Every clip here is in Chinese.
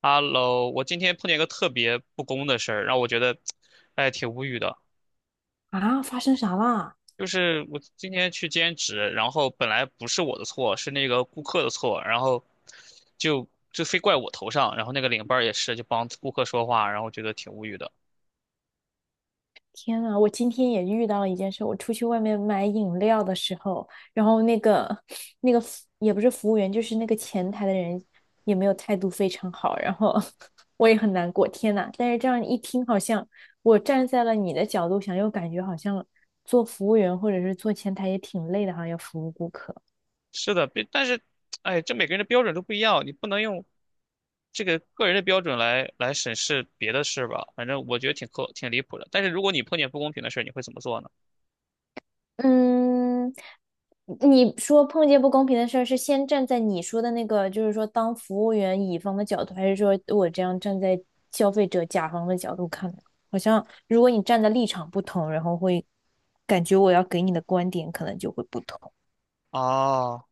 Hello，我今天碰见一个特别不公的事儿，让我觉得，哎，挺无语的。啊，发生啥啦？就是我今天去兼职，然后本来不是我的错，是那个顾客的错，然后就非怪我头上，然后那个领班儿也是，就帮顾客说话，然后觉得挺无语的。天呐，我今天也遇到了一件事。我出去外面买饮料的时候，然后那个服也不是服务员，就是那个前台的人也没有态度非常好，然后 我也很难过。天呐，但是这样一听，好像我站在了你的角度想，又感觉好像做服务员或者是做前台也挺累的，好像要服务顾客。是的，别但是，哎，这每个人的标准都不一样，你不能用这个个人的标准来审视别的事吧？反正我觉得挺苛挺离谱的。但是如果你碰见不公平的事儿，你会怎么做呢？嗯，你说碰见不公平的事儿，是先站在你说的那个，就是说当服务员乙方的角度，还是说我这样站在消费者甲方的角度看呢？好像如果你站的立场不同，然后会感觉我要给你的观点可能就会不同。哦。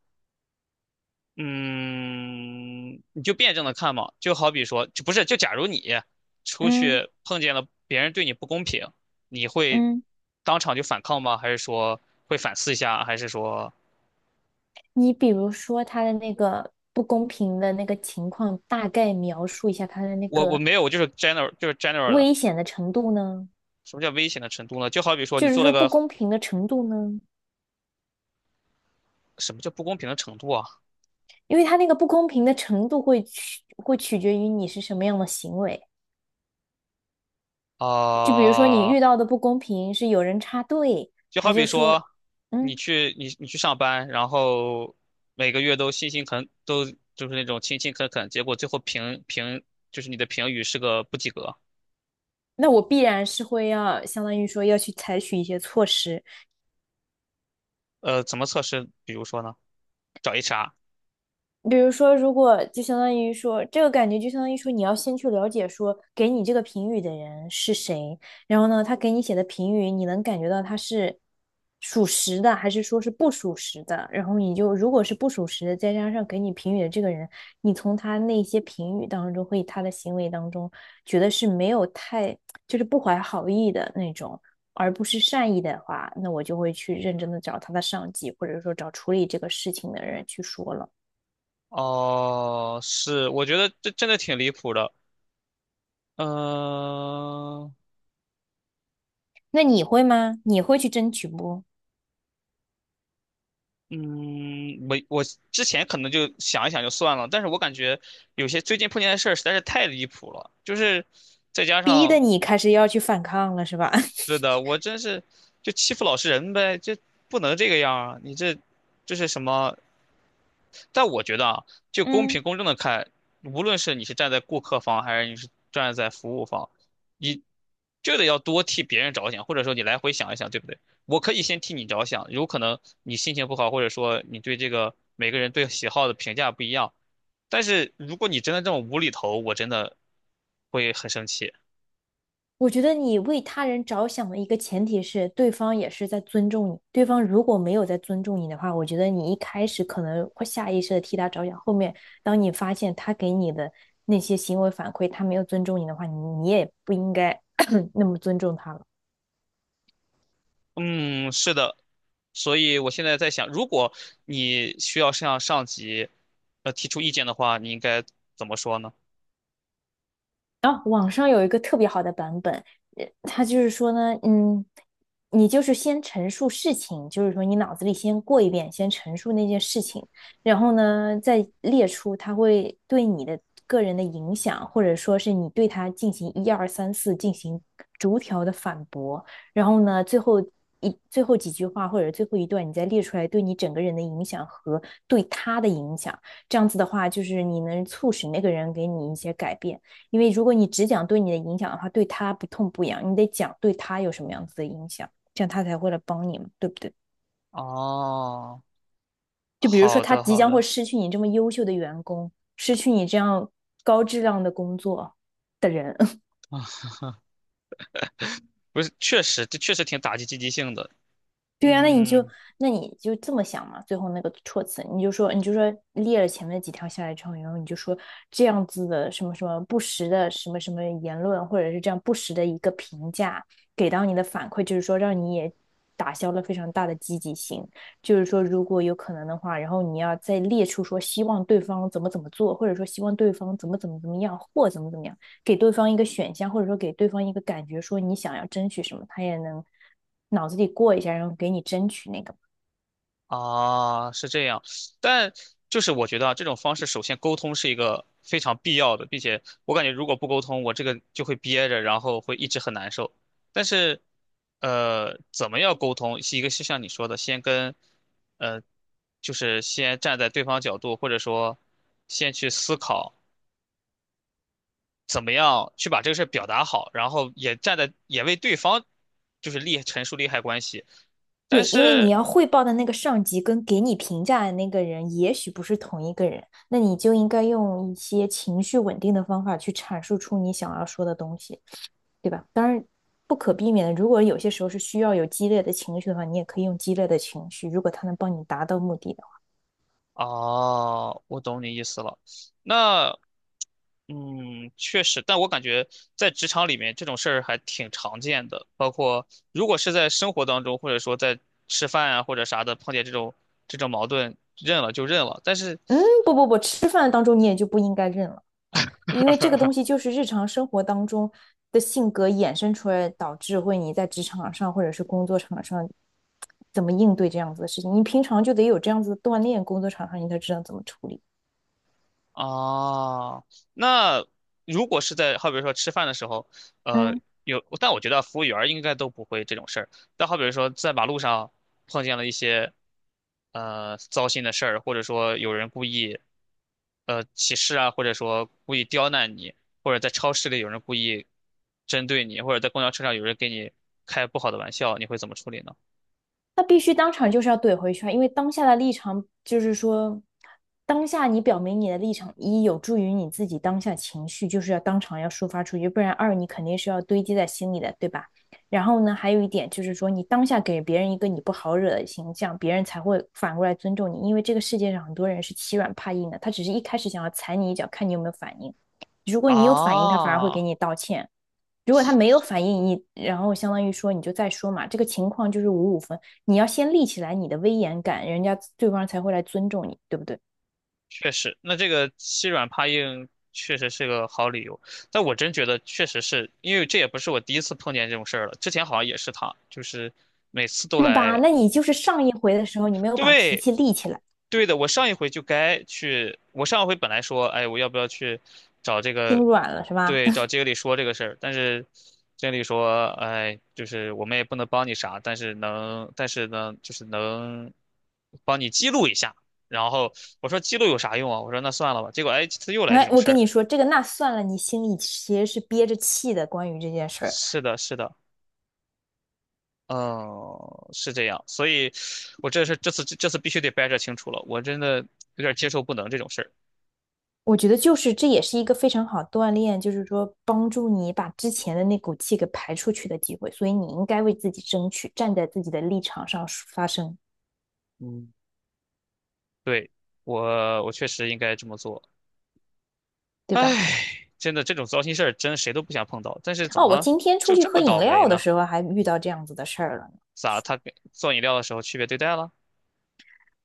嗯，你就辩证的看嘛，就好比说，就不是，就假如你出嗯，去碰见了别人对你不公平，你会嗯，当场就反抗吗？还是说会反思一下？还是说你比如说他的那个不公平的那个情况，大概描述一下他的那我个没有，我就是 general 就是 general 的。危险的程度呢？什么叫危险的程度呢？就好比说你就是做了说不个公平的程度呢？什么叫不公平的程度啊？因为它那个不公平的程度会取决于你是什么样的行为。就比如说你啊、遇到的不公平是有人插队，就好还是比说，说，你嗯，去你去上班，然后每个月都辛辛恳都就是那种勤勤恳恳，结果最后就是你的评语是个不及格。那我必然是会要相当于说要去采取一些措施。怎么测试？比如说呢，找 HR。比如说，如果就相当于说，这个感觉就相当于说，你要先去了解说给你这个评语的人是谁，然后呢，他给你写的评语，你能感觉到他是属实的，还是说是不属实的，然后你就如果是不属实的，再加上给你评语的这个人，你从他那些评语当中和他的行为当中，觉得是没有太就是不怀好意的那种，而不是善意的话，那我就会去认真的找他的上级，或者说找处理这个事情的人去说了。哦，是，我觉得这真的挺离谱的。嗯、那你会吗？你会去争取不？嗯，我之前可能就想一想就算了，但是我感觉有些最近碰见的事儿实在是太离谱了，就是再加逼得上你开始要去反抗了，是吧？是的，我真是就欺负老实人呗，就不能这个样啊！你这这是什么？但我觉得啊，就公平嗯，公正的看，无论是你是站在顾客方，还是你是站在服务方，你就得要多替别人着想，或者说你来回想一想，对不对？我可以先替你着想，有可能你心情不好，或者说你对这个每个人对喜好的评价不一样，但是如果你真的这么无厘头，我真的会很生气。我觉得你为他人着想的一个前提是，对方也是在尊重你。对方如果没有在尊重你的话，我觉得你一开始可能会下意识的替他着想，后面当你发现他给你的那些行为反馈，他没有尊重你的话，你也不应该 那么尊重他了。嗯，是的，所以我现在在想，如果你需要向上级提出意见的话，你应该怎么说呢？然后网上有一个特别好的版本，它就是说呢，嗯，你就是先陈述事情，就是说你脑子里先过一遍，先陈述那件事情，然后呢，再列出它会对你的个人的影响，或者说是你对他进行一二三四进行逐条的反驳，然后呢，最后几句话或者最后一段，你再列出来对你整个人的影响和对他的影响，这样子的话，就是你能促使那个人给你一些改变。因为如果你只讲对你的影响的话，对他不痛不痒，你得讲对他有什么样子的影响，这样他才会来帮你嘛，对不对？哦，就比如说好他的即好将会的，失去你这么优秀的员工，失去你这样高质量的工作的人，不是，确实这确实挺打击积极性的。对呀，嗯，那你就这么想嘛，最后那个措辞，你就说列了前面几条下来之后，然后你就说这样子的什么什么不实的什么什么言论，或者是这样不实的一个评价，给到你的反馈就是说让你也打消了非常大的积极性，就是说如果有可能的话，然后你要再列出说希望对方怎么怎么做，或者说希望对方怎么怎么怎么样或怎么怎么样。给对方一个选项，或者说给对方一个感觉，说你想要争取什么，他也能脑子里过一下，然后给你争取那个。啊，是这样，但就是我觉得啊，这种方式首先沟通是一个非常必要的，并且我感觉如果不沟通，我这个就会憋着，然后会一直很难受。但是，呃，怎么样沟通？是一个是像你说的，先跟，呃，就是先站在对方角度，或者说先去思考怎么样去把这个事儿表达好，然后也站在也为对方就是利陈述利害关系。但对，因为你是要汇报的那个上级跟给你评价的那个人，也许不是同一个人，那你就应该用一些情绪稳定的方法去阐述出你想要说的东西，对吧？当然，不可避免的，如果有些时候是需要有激烈的情绪的话，你也可以用激烈的情绪，如果他能帮你达到目的的话。哦，我懂你意思了。那，嗯，确实，但我感觉在职场里面这种事儿还挺常见的，包括如果是在生活当中，或者说在吃饭啊或者啥的碰见这种矛盾，认了就认了。但是嗯，不不不，吃饭当中你也就不应该认了。因为这个东西就是日常生活当中的性格衍生出来，导致会你在职场上或者是工作场上怎么应对这样子的事情。你平常就得有这样子的锻炼，工作场上你才知道怎么处理。哦，那如果是在好比说吃饭的时候，呃，嗯。有，但我觉得服务员儿应该都不会这种事儿。但好比说在马路上碰见了一些糟心的事儿，或者说有人故意歧视啊，或者说故意刁难你，或者在超市里有人故意针对你，或者在公交车上有人给你开不好的玩笑，你会怎么处理呢？那必须当场就是要怼回去啊，因为当下的立场就是说，当下你表明你的立场，一有助于你自己当下情绪，就是要当场要抒发出去，不然二你肯定是要堆积在心里的，对吧？然后呢，还有一点就是说，你当下给别人一个你不好惹的形象，别人才会反过来尊重你，因为这个世界上很多人是欺软怕硬的，他只是一开始想要踩你一脚，看你有没有反应。如果你有反应，他反而会啊、给你道歉。如果他没有反应你，然后相当于说你就再说嘛，这个情况就是五五分，你要先立起来你的威严感，人家对方才会来尊重你，对不对？确实，那这个欺软怕硬确实是个好理由，但我真觉得确实是因为这也不是我第一次碰见这种事儿了，之前好像也是他，就是每次都对吧？来，那你就是上一回的时候，你没有把脾对，气立起来，对的，我上一回就该去，我上一回本来说，哎，我要不要去找这心个，软了是吧？对，找 经理说这个事儿，但是经理说，哎，就是我们也不能帮你啥，但是能，但是呢，就是能帮你记录一下。然后我说记录有啥用啊？我说那算了吧。结果哎，这次又来这来，种我事跟儿。你说，这个那算了，你心里其实是憋着气的。关于这件事儿，是的，是的，嗯，是这样，所以我这是这次必须得掰扯清楚了，我真的有点接受不能这种事儿。我觉得就是这也是一个非常好锻炼，就是说帮助你把之前的那股气给排出去的机会。所以你应该为自己争取，站在自己的立场上发声，嗯对，我确实应该这么做。对吧？唉，真的这种糟心事儿，真谁都不想碰到。但是怎哦，我么今天出就去这喝么饮倒霉料的呢？时候还遇到这样子的事儿了呢。咋他给做饮料的时候区别对待了？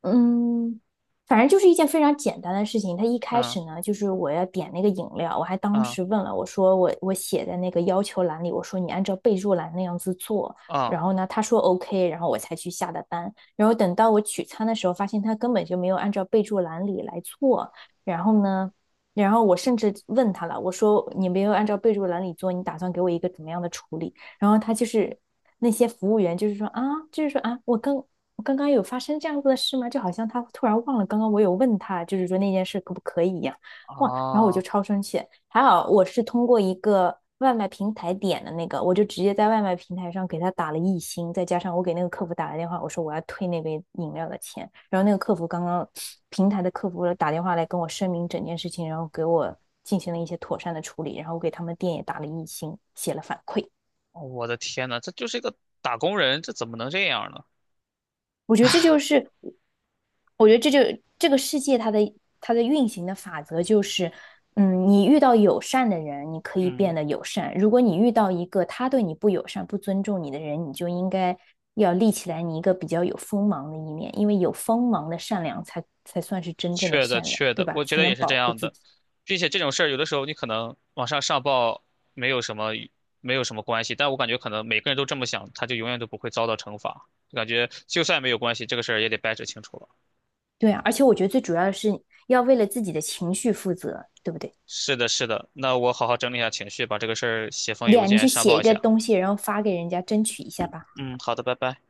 嗯，反正就是一件非常简单的事情。他一开嗯始呢，就是我要点那个饮料，我还当嗯时问了，我说我写在那个要求栏里，我说你按照备注栏那样子做。嗯然后呢，他说 OK，然后我才去下的单。然后等到我取餐的时候，发现他根本就没有按照备注栏里来做。然后呢，然后我甚至问他了，我说你没有按照备注栏里做，你打算给我一个怎么样的处理？然后他就是那些服务员，就是说啊，我刚刚有发生这样子的事吗？就好像他突然忘了刚刚我有问他，就是说那件事可不可以一样。哇，然后我就啊！超生气。还好我是通过一个外卖平台点的那个，我就直接在外卖平台上给他打了一星，再加上我给那个客服打了电话，我说我要退那杯饮料的钱。然后那个客服刚刚平台的客服打电话来跟我声明整件事情，然后给我进行了一些妥善的处理，然后我给他们店也打了一星，写了反馈。我的天呐，这就是一个打工人，这怎么能这样呢？我觉得这就是，我觉得这就这个世界它的运行的法则就是，嗯，你遇到友善的人，你可以嗯。变得友善；如果你遇到一个他对你不友善、不尊重你的人，你就应该要立起来你一个比较有锋芒的一面，因为有锋芒的善良才算是真正的确的，善良，确对的，吧？我觉才得也能是保这护样自的，己。并且这种事儿有的时候你可能往上上报没有什么没有什么关系，但我感觉可能每个人都这么想，他就永远都不会遭到惩罚。感觉就算没有关系，这个事儿也得掰扯清楚了。对啊，而且我觉得最主要的是要为了自己的情绪负责，对不对？是的，是的，那我好好整理一下情绪，把这个事儿写封邮呀，你件去上写报一一个下。东西，然后发给人家，争取一下吧。嗯，好的，拜拜。